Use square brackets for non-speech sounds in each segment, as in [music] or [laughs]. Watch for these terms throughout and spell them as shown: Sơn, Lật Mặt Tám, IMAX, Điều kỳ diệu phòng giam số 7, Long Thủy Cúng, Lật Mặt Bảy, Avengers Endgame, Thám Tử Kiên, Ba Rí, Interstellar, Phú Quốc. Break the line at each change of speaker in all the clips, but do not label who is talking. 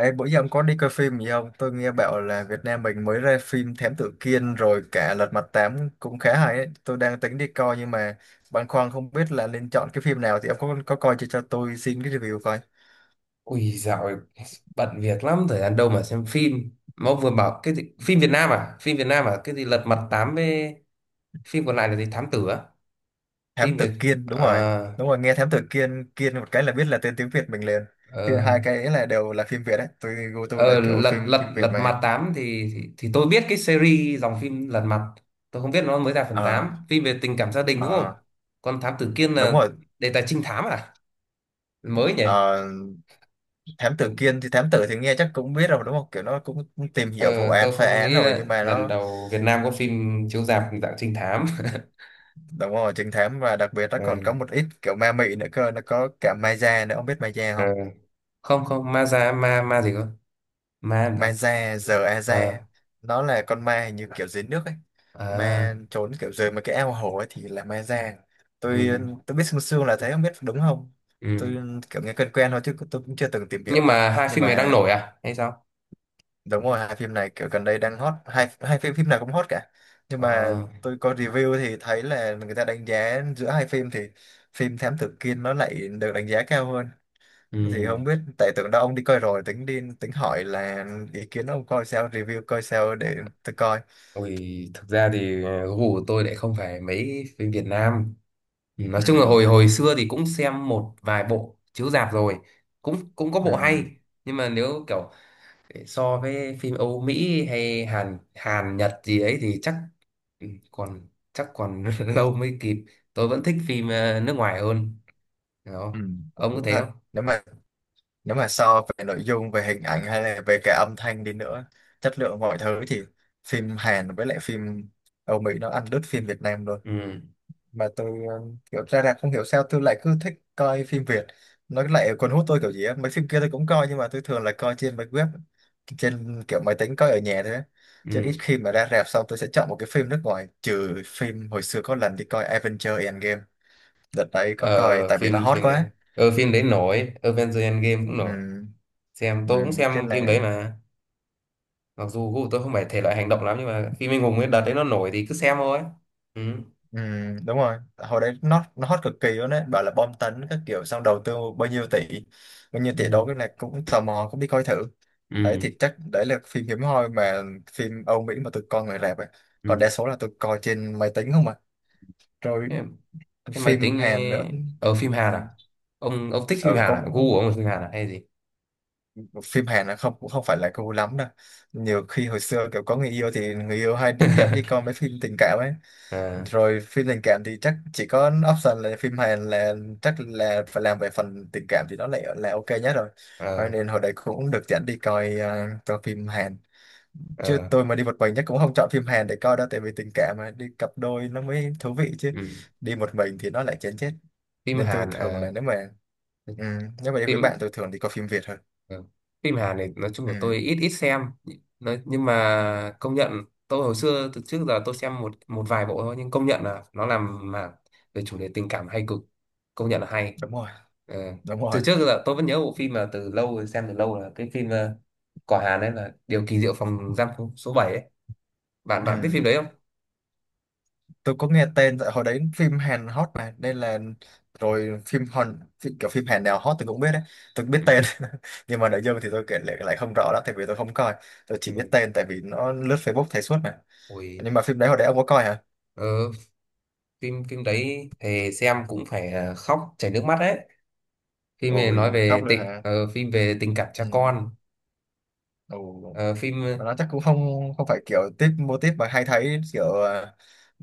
Ê, bữa giờ ông có đi coi phim gì không? Tôi nghe bảo là Việt Nam mình mới ra phim Thám Tử Kiên rồi cả Lật Mặt Tám cũng khá hay ấy. Tôi đang tính đi coi nhưng mà băn khoăn không biết là nên chọn cái phim nào thì ông có coi cho tôi xin cái review coi.
Ui, dạo này bận việc lắm, thời gian đâu mà xem phim. Mà ông vừa bảo cái gì? Phim Việt Nam à? Cái gì Lật Mặt Tám với phim còn lại là gì? Thám Tử á?
Thám
Phim Việt
Tử Kiên, đúng rồi.
à?
Đúng rồi, nghe Thám Tử Kiên Kiên một cái là biết là tên tiếng Việt mình liền. Thì
ờ,
hai cái ấy đều là phim Việt đấy. Tôi gu tôi là
ờ,
kiểu
Lật
phim phim
Lật
Việt
Lật
mà.
Mặt Tám thì, thì tôi biết cái series dòng phim Lật Mặt, tôi không biết nó mới ra phần
Ờ,
tám. Phim về tình cảm gia đình, đúng
ờ,
không? Còn Thám Tử Kiên
đúng
là
rồi.
đề tài trinh thám à? Mới nhỉ.
Ờ, thám tử thì nghe chắc cũng biết rồi đúng không? Kiểu nó cũng tìm
ờ,
hiểu vụ án
tôi
phá
không
án
nghĩ
rồi.
là
Nhưng mà
lần
nó
đầu Việt Nam có phim chiếu rạp dạng trinh thám. [laughs]
Đúng rồi, trứng thám. Và đặc biệt nó
Ờ.
còn có một ít kiểu ma mị nữa cơ, nó có cả ma da nữa, ông biết ma da
Ờ.
không?
Không, không, ma già, ma ma gì cơ? Ma làm
Ma
sao?
da giờ a da.
Ờ.
Nó là con ma hình như kiểu dưới nước ấy, ma
À.
trốn kiểu dưới mấy cái ao hồ ấy thì là ma da. tôi
Ừ.
tôi biết sương sương là thế, không biết đúng không. Tôi
Ừ,
kiểu nghe quen quen thôi chứ tôi cũng chưa từng tìm hiểu.
nhưng mà hai
Nhưng
phim này đang
mà
nổi à hay sao?
đúng rồi, hai phim này kiểu gần đây đang hot, hai hai phim phim nào cũng hot cả. Nhưng mà
Ờ.
tôi có review thì thấy là người ta đánh giá giữa hai phim thì phim Thám Tử Kiên nó lại được đánh giá cao hơn. Thì
Ừ.
không biết, tại tưởng đâu ông đi coi rồi, tính hỏi là ý kiến ông coi sao, review coi sao để tôi coi.
Ui, thực ra thì gu của tôi lại không phải mấy phim Việt Nam. Ừ, nói
Ừ,
chung là hồi hồi xưa thì cũng xem một vài bộ chiếu rạp rồi, cũng cũng có bộ hay.
ừ,
Nhưng mà nếu kiểu để so với phim Âu Mỹ hay Hàn Hàn Nhật gì ấy thì chắc, ừ, còn chắc còn [laughs] lâu mới kịp. Tôi vẫn thích phim nước ngoài hơn
ừ.
đó. Ông có
Đúng
thấy
thật,
không?
nếu mà so về nội dung về hình ảnh hay là về cả âm thanh đi nữa, chất lượng mọi thứ thì phim Hàn với lại phim Âu Mỹ nó ăn đứt phim Việt Nam luôn.
Ừ.
Mà tôi kiểu ra rạp không hiểu sao tôi lại cứ thích coi phim Việt, nó lại cuốn hút tôi kiểu gì á. Mấy phim kia tôi cũng coi nhưng mà tôi thường là coi trên mấy web, trên kiểu máy tính coi ở nhà thôi á. Chứ ít
Ừ.
khi mà ra rạp xong tôi sẽ chọn một cái phim nước ngoài, trừ phim hồi xưa có lần đi coi Avengers Endgame, đợt đấy có coi
ờ,
tại vì nó
phim
hot
phim
quá.
đấy, phim đấy nổi, Avengers Endgame cũng nổi.
Ừ,
Xem,
ừ,
tôi cũng
cái
xem phim đấy
là
mà. Mặc dù gu của tôi không phải thể loại hành động lắm, nhưng mà phim anh hùng ấy đợt đấy nó nổi thì cứ xem thôi. Ừ.
ừ. Đúng rồi, hồi đấy nó hot cực kỳ luôn đấy, bảo là bom tấn các kiểu, xong đầu tư bao nhiêu tỷ đó,
Ừ.
cái này cũng tò mò cũng đi coi thử. Đấy
Ừ,
thì chắc đấy là phim hiếm hoi mà phim Âu Mỹ mà tụi con người rạp ấy. Còn đa số là tụi coi trên máy tính không à. Rồi
ừ. Thế máy
phim
tính
Hàn nữa.
ở phim
Ừ,
Hàn à? Ông thích phim
ừ
Hàn à? Gu
cũng,
của ông là phim Hàn à hay gì?
phim Hàn là không, cũng không phải là cool lắm đâu. Nhiều khi hồi xưa kiểu có người yêu thì người yêu hay dẫn đi
[laughs]
coi mấy phim tình cảm ấy.
Ờ.
Rồi phim tình cảm thì chắc chỉ có option là phim Hàn, là chắc là phải làm về phần tình cảm thì nó lại là ok nhất rồi. Cho
Ờ.
nên hồi đấy cũng được dẫn đi coi phim Hàn. Chứ
Ờ.
tôi mà đi một mình chắc cũng không chọn phim Hàn để coi đâu, tại vì tình cảm mà đi cặp đôi nó mới thú vị chứ,
Ừ.
đi một mình thì nó lại chán chết.
Phim
Nên tôi
Hàn,
thường là, ừ, nếu mà đi với
phim,
bạn tôi thường đi coi phim Việt hơn.
ờ, phim Hàn này nói chung là tôi
Ừ,
ít ít xem. Nói, nhưng mà công nhận, tôi hồi xưa từ trước giờ tôi xem một một vài bộ thôi, nhưng công nhận là nó làm mà về chủ đề tình cảm hay cực, công nhận là hay.
đúng rồi,
Ờ,
đúng rồi,
từ trước giờ tôi vẫn nhớ bộ phim mà từ lâu rồi, xem từ lâu là cái phim của Hàn ấy là Điều kỳ diệu phòng giam số 7. bạn
ừ.
bạn biết phim đấy không?
Tôi có nghe tên, tại hồi đấy phim Hàn hot mà nên là, rồi phim Hàn phim, kiểu phim Hàn nào hot tôi cũng biết đấy, tôi biết
Ừ.
tên. [laughs] Nhưng mà nội dung thì tôi kể lại không rõ lắm, tại vì tôi không coi, tôi chỉ biết
Ừ.
tên tại vì nó lướt Facebook thấy suốt mà.
Ôi,
Nhưng mà phim đấy hồi đấy ông có coi hả?
ờ, phim phim đấy thì xem cũng phải khóc chảy nước mắt đấy. Phim này nói
Ôi khóc
về
luôn
tình,
hả?
phim về tình cảm cha
Ừ.
con.
Ồ.
Ờ, phim.
Và nó chắc cũng không không phải kiểu tiếp mô típ mà hay thấy, kiểu ờ,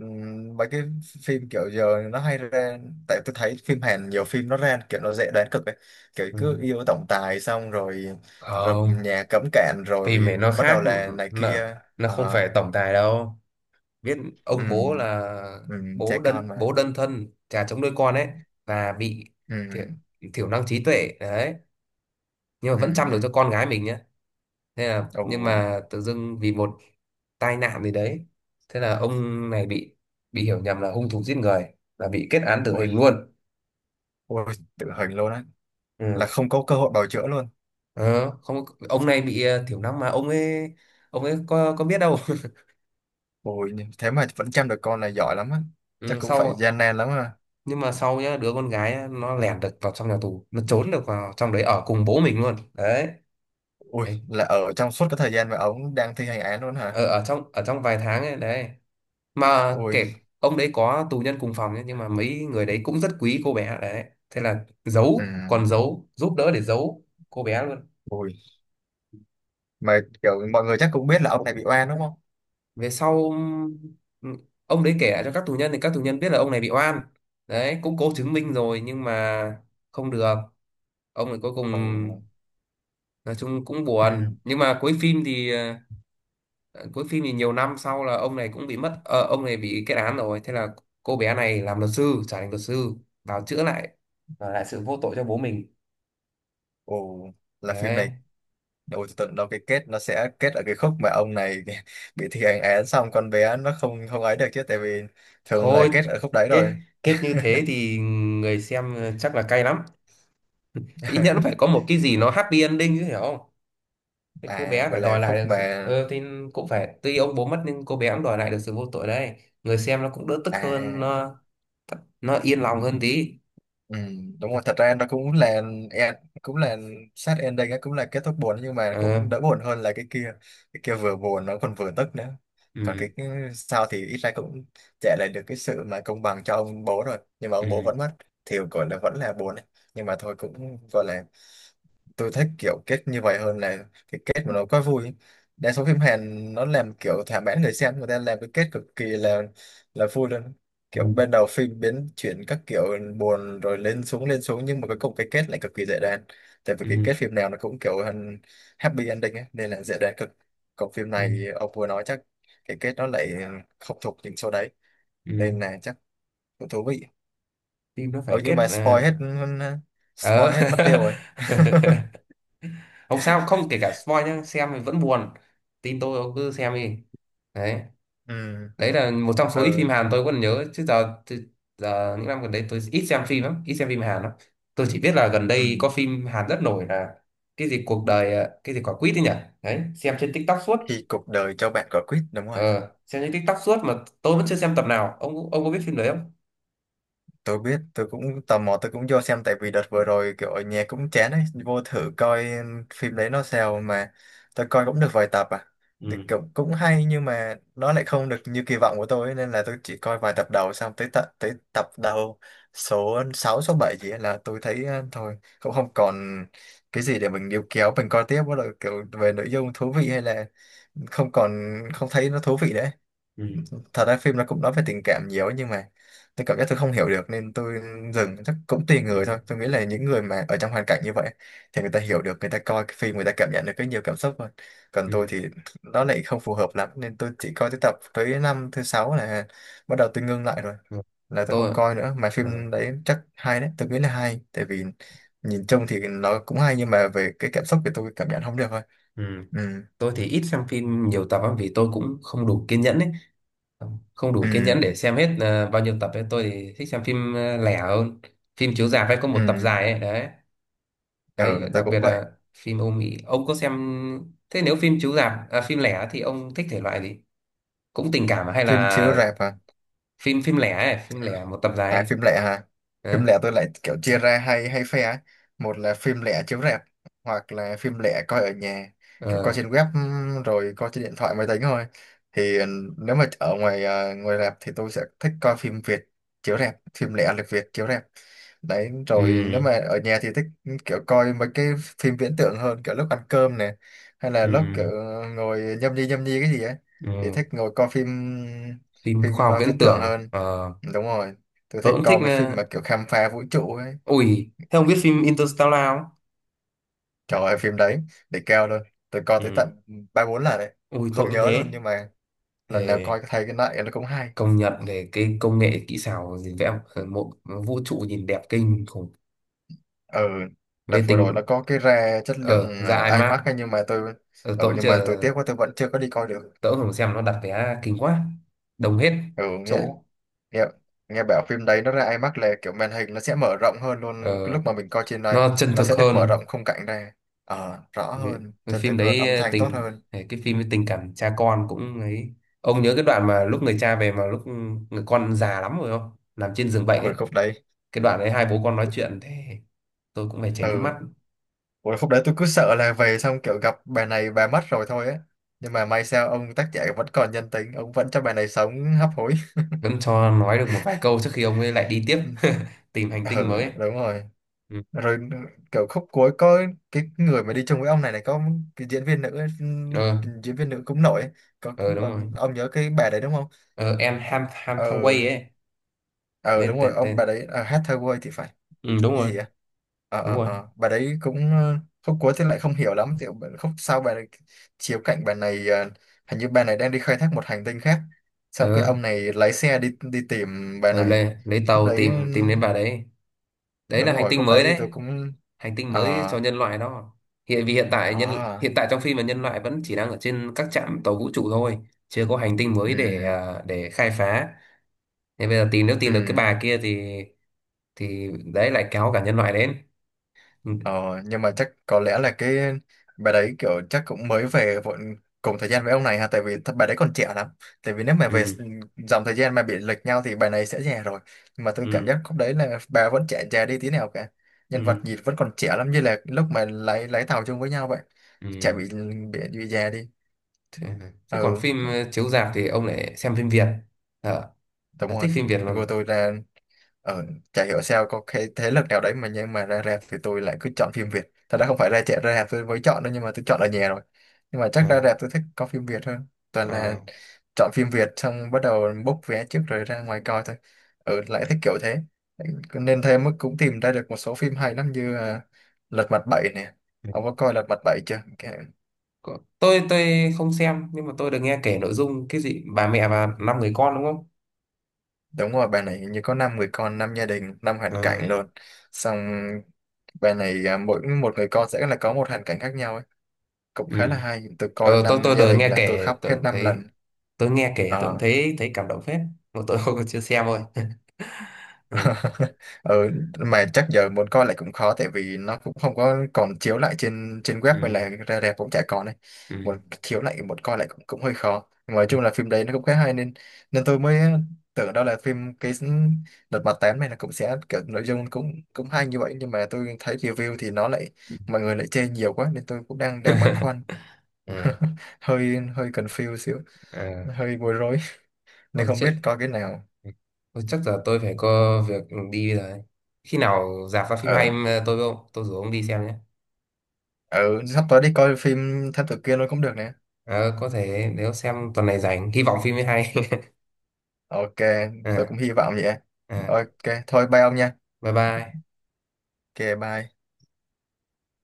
ừm, mấy cái phim kiểu giờ nó hay ra. Tại tôi thấy phim Hàn nhiều phim nó ra kiểu nó dễ đoán cực ấy, kiểu cứ
Ừ.
yêu tổng tài xong rồi rồi
Không,
nhà cấm cản
phim
rồi
này nó
bắt đầu
khác.
là này
nó,
kia.
nó không
Ờ,
phải tổng tài đâu, biết ông bố
ừm,
là, bố
trẻ con
đơn
mà.
bố đơn thân, cha chống nuôi con ấy, và bị thiểu,
ừm,
thiểu năng trí tuệ đấy, nhưng mà vẫn chăm được cho
ừm,
con gái mình nhá. Thế là
Ồ,
nhưng mà tự dưng vì một tai nạn gì đấy, thế là ông này bị hiểu nhầm là hung thủ giết người và bị kết án tử
ôi.
hình luôn.
Ôi tự hình luôn á, là
Ừ.
không có cơ hội bào chữa luôn.
Ờ, không, ông này bị thiểu năng mà, ông ấy có biết đâu.
Ôi thế mà vẫn chăm được con này giỏi lắm á,
[laughs]
chắc
Ừ,
cũng phải
sau,
gian nan lắm á.
nhưng mà sau nhá, đứa con gái á, nó lẻn được vào trong nhà tù, nó trốn được vào trong đấy ở cùng bố mình luôn đấy.
Ui,
Đấy.
là ở trong suốt cái thời gian mà ông đang thi hành án luôn hả?
Ở trong vài tháng ấy đấy, mà
Ui,
kể, ông đấy có tù nhân cùng phòng nhé, nhưng mà mấy người đấy cũng rất quý cô bé đấy, thế là giấu, còn
ừ,
giấu giúp đỡ để giấu cô bé luôn.
ui. Mà kiểu mọi người chắc cũng biết là ông này bị oan đúng không?
Về sau, ừm, ông đấy kể lại cho các tù nhân thì các tù nhân biết là ông này bị oan đấy, cũng cố chứng minh rồi nhưng mà không được. Ông này cuối cùng,
Ồ,
nói chung cũng
ừ,
buồn, nhưng mà cuối phim thì ờ, cuối phim thì nhiều năm sau là ông này cũng bị mất, ông này bị kết án rồi, thế là cô bé này làm luật sư, trở thành luật sư vào chữa lại, lại sự vô tội cho bố mình
ồ, là phim này,
đấy.
ôi tôi tưởng đâu cái kết nó sẽ kết ở cái khúc mà ông này [laughs] bị thi hành án xong con bé nó không không ấy được chứ, tại vì thường là
Thôi,
kết ở khúc đấy
kết,
rồi.
kết như thế thì người xem chắc là cay lắm. Ít nhất nó phải có
[laughs]
một cái gì nó happy ending chứ, hiểu không? Cái cô
À,
bé phải
vậy là
đòi lại
khúc
được sự
mà,
thì cũng phải, tuy ông bố mất nhưng cô bé cũng đòi lại được sự vô tội đấy, người xem nó cũng đỡ tức hơn,
à.
nó yên lòng hơn tí.
Ừ, đúng rồi, thật ra nó cũng là sad ending á, cũng là kết thúc buồn nhưng mà
Ờ.
cũng đỡ buồn hơn là cái kia. Cái kia vừa buồn nó còn vừa tức nữa. Còn
Ừ.
cái sau thì ít ra cũng trả lại được cái sự mà công bằng cho ông bố, rồi nhưng mà ông bố
Ừ.
vẫn mất thì gọi là vẫn là buồn ấy. Nhưng mà thôi cũng gọi là, tôi thích kiểu kết như vậy hơn là cái kết mà nó quá vui. Đa số phim Hàn nó làm kiểu thỏa mãn người xem, người ta làm cái kết cực kỳ là vui luôn,
Ừ.
kiểu bên đầu phim biến chuyển các kiểu, buồn rồi lên xuống nhưng mà cuối cùng cái kết lại cực kỳ dễ đoán. Tại vì cái kết
Ừ.
phim nào nó cũng kiểu hơn happy ending ấy, nên là dễ đoán cực. Còn phim
Ừ.
này ông vừa nói chắc cái kết nó lại không thuộc những số đấy, nên
Ừ.
là chắc cũng thú vị.
Phim nó
Ừ
phải kết
nhưng mà spoil
là,
hết
ờ.
spoil hết mất tiêu rồi.
[laughs] Không sao, không kể cả spoil nhá, xem thì vẫn buồn, tin tôi, ông cứ xem đi đấy.
[laughs] Ừ,
Đấy là một trong số ít phim Hàn tôi còn nhớ, chứ giờ, chứ giờ những năm gần đây tôi ít xem phim lắm, ít xem phim Hàn lắm. Tôi chỉ biết là gần
ừ.
đây có phim Hàn rất nổi là cái gì cuộc đời à, cái gì quả quýt ấy nhỉ. Đấy, xem trên TikTok suốt.
Thì cuộc đời cho bạn quả quýt, đúng rồi.
Ờ, xem trên TikTok suốt mà tôi vẫn chưa xem tập nào. Ông có biết phim đấy không?
Tôi biết, tôi cũng tò mò, tôi cũng vô xem tại vì đợt vừa rồi kiểu ở nhà cũng chán ấy, vô thử coi phim đấy nó sao mà. Tôi coi cũng được vài tập à, thì
Ừ.
cũng, cũng hay nhưng mà nó lại không được như kỳ vọng của tôi ấy, nên là tôi chỉ coi vài tập đầu xong tới tập đầu số 6 số 7 gì ấy là tôi thấy thôi, cũng không còn cái gì để mình níu kéo mình coi tiếp, bắt đầu kiểu về nội dung thú vị hay là không còn, không thấy nó thú vị nữa.
Ừ.
Thật ra phim nó cũng nói về tình cảm nhiều ấy, nhưng mà tôi cảm giác tôi không hiểu được nên tôi dừng. Chắc cũng tùy người thôi,
Ừ.
tôi nghĩ là những người mà ở trong hoàn cảnh như vậy thì người ta hiểu được, người ta coi cái phim người ta cảm nhận được cái nhiều cảm xúc hơn. Còn
Ừ.
tôi thì nó lại không phù hợp lắm nên tôi chỉ coi tới năm thứ sáu là bắt đầu tôi ngưng lại rồi,
Ừ.
là tôi
Tôi
không coi nữa. Mà
ờ,
phim đấy chắc hay đấy, tôi nghĩ là hay tại vì nhìn chung thì nó cũng hay nhưng mà về cái cảm xúc thì tôi cảm nhận không được thôi.
ừ.
Ừ,
Tôi thì ít xem phim nhiều tập lắm vì tôi cũng không đủ kiên nhẫn ấy, không đủ kiên
ừ,
nhẫn để xem hết bao nhiêu tập ấy. Tôi thì thích xem phim lẻ hơn, phim chiếu rạp hay có
ừ,
một tập dài ấy đấy. Đấy
ừ, tôi
đặc biệt
cũng vậy.
là phim Âu Mỹ, ông có xem? Thế nếu phim chiếu rạp à, phim lẻ thì ông thích thể loại gì? Cũng tình cảm hay
Phim
là
chiếu rạp à?
phim phim lẻ ấy, phim lẻ một tập dài
À
ấy?
phim lẻ hả? Phim
Ờ,
lẻ tôi lại kiểu chia ra hai hai phe ấy. Một là phim lẻ chiếu rạp hoặc là phim lẻ coi ở nhà, kiểu coi
ờ,
trên web, rồi coi trên điện thoại máy tính thôi. Thì nếu mà ở ngoài rạp thì tôi sẽ thích coi phim Việt chiếu rạp, phim lẻ lịch Việt chiếu rạp. Đấy, rồi nếu
ừ,
mà ở nhà thì thích kiểu coi mấy cái phim viễn tưởng hơn, kiểu lúc ăn cơm nè hay là
ừ,
lúc kiểu ngồi nhâm nhi cái gì ấy
ừ.
thì thích ngồi coi phim
Phim khoa
phim
học
ờ,
viễn
viễn tưởng
tưởng,
hơn.
ờ,
Đúng rồi, tôi
tôi
thích
cũng thích,
coi mấy phim mà kiểu khám phá vũ trụ ấy.
ui thế ông biết phim Interstellar không?
Trời ơi, phim đấy để keo luôn, tôi coi tới
Ừ.
tận 3 4 lần đấy,
Ui, tôi
không
cũng
nhớ luôn,
thế.
nhưng mà
Ờ,
lần nào coi thấy cái này nó cũng hay.
công nhận về cái công nghệ kỹ xảo gì vẽ một vũ trụ nhìn đẹp kinh khủng.
Ừ, đợt
Về
vừa rồi nó
tình.
có cái ra chất lượng
Ờ, ra IMAX.
IMAX ấy, nhưng mà tôi,
Ờ, tớ
ừ,
cũng
nhưng mà
chờ.
tôi tiếc quá, tôi vẫn chưa có đi coi được.
Tớ cũng không xem, nó đặt vé kinh quá, đông hết
Ừ, nghe
chỗ.
nghe nghe bảo phim đấy nó ra IMAX là kiểu màn hình nó sẽ mở rộng hơn luôn cái
Ờ,
lúc mà mình coi trên đấy,
nó chân
nó
thực
sẽ được mở
hơn.
rộng khung cảnh ra, ờ, rõ
cái
hơn,
cái
chân
phim
thực hơn, âm
đấy
thanh tốt
tình,
hơn.
cái phim với tình cảm cha con cũng ấy, ông nhớ cái đoạn mà lúc người cha về, mà lúc người con già lắm rồi, không, nằm trên giường bệnh ấy,
Hồi khúc đấy,
cái đoạn đấy hai bố con nói chuyện thế, tôi cũng phải chảy nước
ừ.
mắt.
Ủa, khúc đấy tôi cứ sợ là về xong kiểu gặp bà này bà mất rồi thôi á. Nhưng mà may sao ông tác giả vẫn còn nhân tính, ông vẫn cho bà này sống hấp hối.
Vẫn cho nói được một vài câu trước khi ông ấy lại đi tiếp.
[laughs]
[laughs] Tìm hành
Ừ,
tinh mới ấy.
đúng rồi.
Ừ.
Rồi kiểu khúc cuối có cái người mà đi chung với ông này này, có cái diễn viên nữ ấy,
Ờ,
diễn viên nữ cũng nổi ấy. Có
ờ, đúng rồi.
ông nhớ cái bà đấy đúng không?
Ờ, em Ham Ham
Ờ,
Thangway ấy.
ờ
lấy
đúng rồi,
tên
ông bà
tên
đấy hát thơ quê thì phải.
ừ, đúng
Cái
rồi.
gì á,
Đúng rồi.
bà đấy cũng, khúc cuối thì lại không hiểu lắm thì khúc sau bà này chiếu cạnh bà này, hình như bà này đang đi khai thác một hành tinh khác, xong cái
Ờ,
ông này lái xe đi đi tìm bà
ờ,
này
lấy
khúc
tàu
đấy.
tìm tìm đến bà đấy.
Ừ,
Đấy
đúng
là hành
rồi,
tinh
khúc đấy
mới
thì
đấy,
tôi cũng,
hành tinh mới
ờ
cho nhân loại đó. Hiện, vì hiện tại
ờ
nhân, hiện tại trong phim là nhân loại vẫn chỉ đang ở trên các trạm tàu vũ trụ thôi, chưa có hành tinh mới để
ừ,
à, để khai phá, nên bây giờ tìm, nếu
ừ.
tìm được cái bà kia thì đấy lại kéo cả nhân loại đến. Ừ.
Ờ, nhưng mà chắc có lẽ là cái bà đấy kiểu chắc cũng mới về vội cùng thời gian với ông này ha, tại vì thật bà đấy còn trẻ lắm. Tại vì nếu mà
Ừ.
dòng thời gian mà bị lệch nhau thì bà này sẽ già rồi, nhưng mà tôi cảm
Ừ.
giác khúc đấy là bà vẫn trẻ, già đi tí nào cả, nhân vật
Ừ.
nhìn vẫn còn trẻ lắm như là lúc mà lái lái tàu chung với nhau vậy. Trẻ
Ừ.
bị, bị già đi.
Thế, thế còn
Ừ,
phim chiếu rạp thì ông lại xem phim Việt. Ờ,
đúng
là
rồi.
thích phim Việt luôn.
Tôi là, ờ, chả hiểu sao có cái thế lực nào đấy, mà nhưng mà ra rạp thì tôi lại cứ chọn phim Việt. Thật ra không phải ra trẻ ra rạp tôi mới chọn đâu, nhưng mà tôi chọn ở nhà rồi, nhưng mà
Ờ,
chắc ra rạp tôi thích có phim Việt hơn. Toàn là
ờ.
chọn phim Việt xong bắt đầu book vé trước rồi ra ngoài coi thôi. Ừ, lại thích kiểu thế, nên thêm mức cũng tìm ra được một số phim hay lắm như à, Lật Mặt 7 nè.
Ừ.
Ông có coi Lật Mặt 7 chưa?
Có. Tôi không xem nhưng mà tôi được nghe kể nội dung cái gì bà mẹ và 5 người con đúng không?
Đúng rồi, bà này hình như có 5 người con, 5 gia đình, năm hoàn
Ờ,
cảnh luôn. Xong bài này à, mỗi một người con sẽ là có một hoàn cảnh khác nhau, cũng
ừ.
khá là hay, tôi coi
Ờ, tôi
năm
tôi
gia
được
đình
nghe
là tôi
kể
khóc
tôi
hết
cũng
năm
thấy,
lần
tôi nghe kể tôi cũng
Ờ.
thấy, thấy cảm động phết, mà tôi không có, chưa xem thôi. [laughs] Ừ.
[laughs] Ừ, mà chắc giờ muốn coi lại cũng khó, tại vì nó cũng không có còn chiếu lại trên trên web
Ừ.
hay là ra rạp cũng chả còn này,
Ừ.
muốn chiếu lại muốn coi lại cũng cũng hơi khó. Nhưng mà nói chung là phim đấy nó cũng khá hay, nên nên tôi mới tưởng đâu là phim cái đợt mặt 8 này là cũng sẽ kiểu nội dung cũng cũng hay như vậy, nhưng mà tôi thấy review thì nó lại, mọi người lại chê nhiều quá, nên tôi cũng đang đang băn khoăn,
[laughs] Ừ.
hơi hơi confused xíu,
Ờ.
hơi bối rối. [laughs] Nên
Ôi
không biết
chết.
coi cái nào.
Thôi chắc giờ tôi phải có việc đi rồi. Khi nào rạp ra phim hay
Ừ,
em, tôi với ông, tôi rủ ông đi xem nhé.
ừ, sắp tới đi coi phim thám tử kia luôn cũng được nè.
Ờ, có thể nếu xem tuần này rảnh, hy vọng phim mới hay. [laughs]
Ok, tôi
À,
cũng hy vọng vậy.
à,
Ok thôi, bye ông nha.
bye bye.
Ok bye.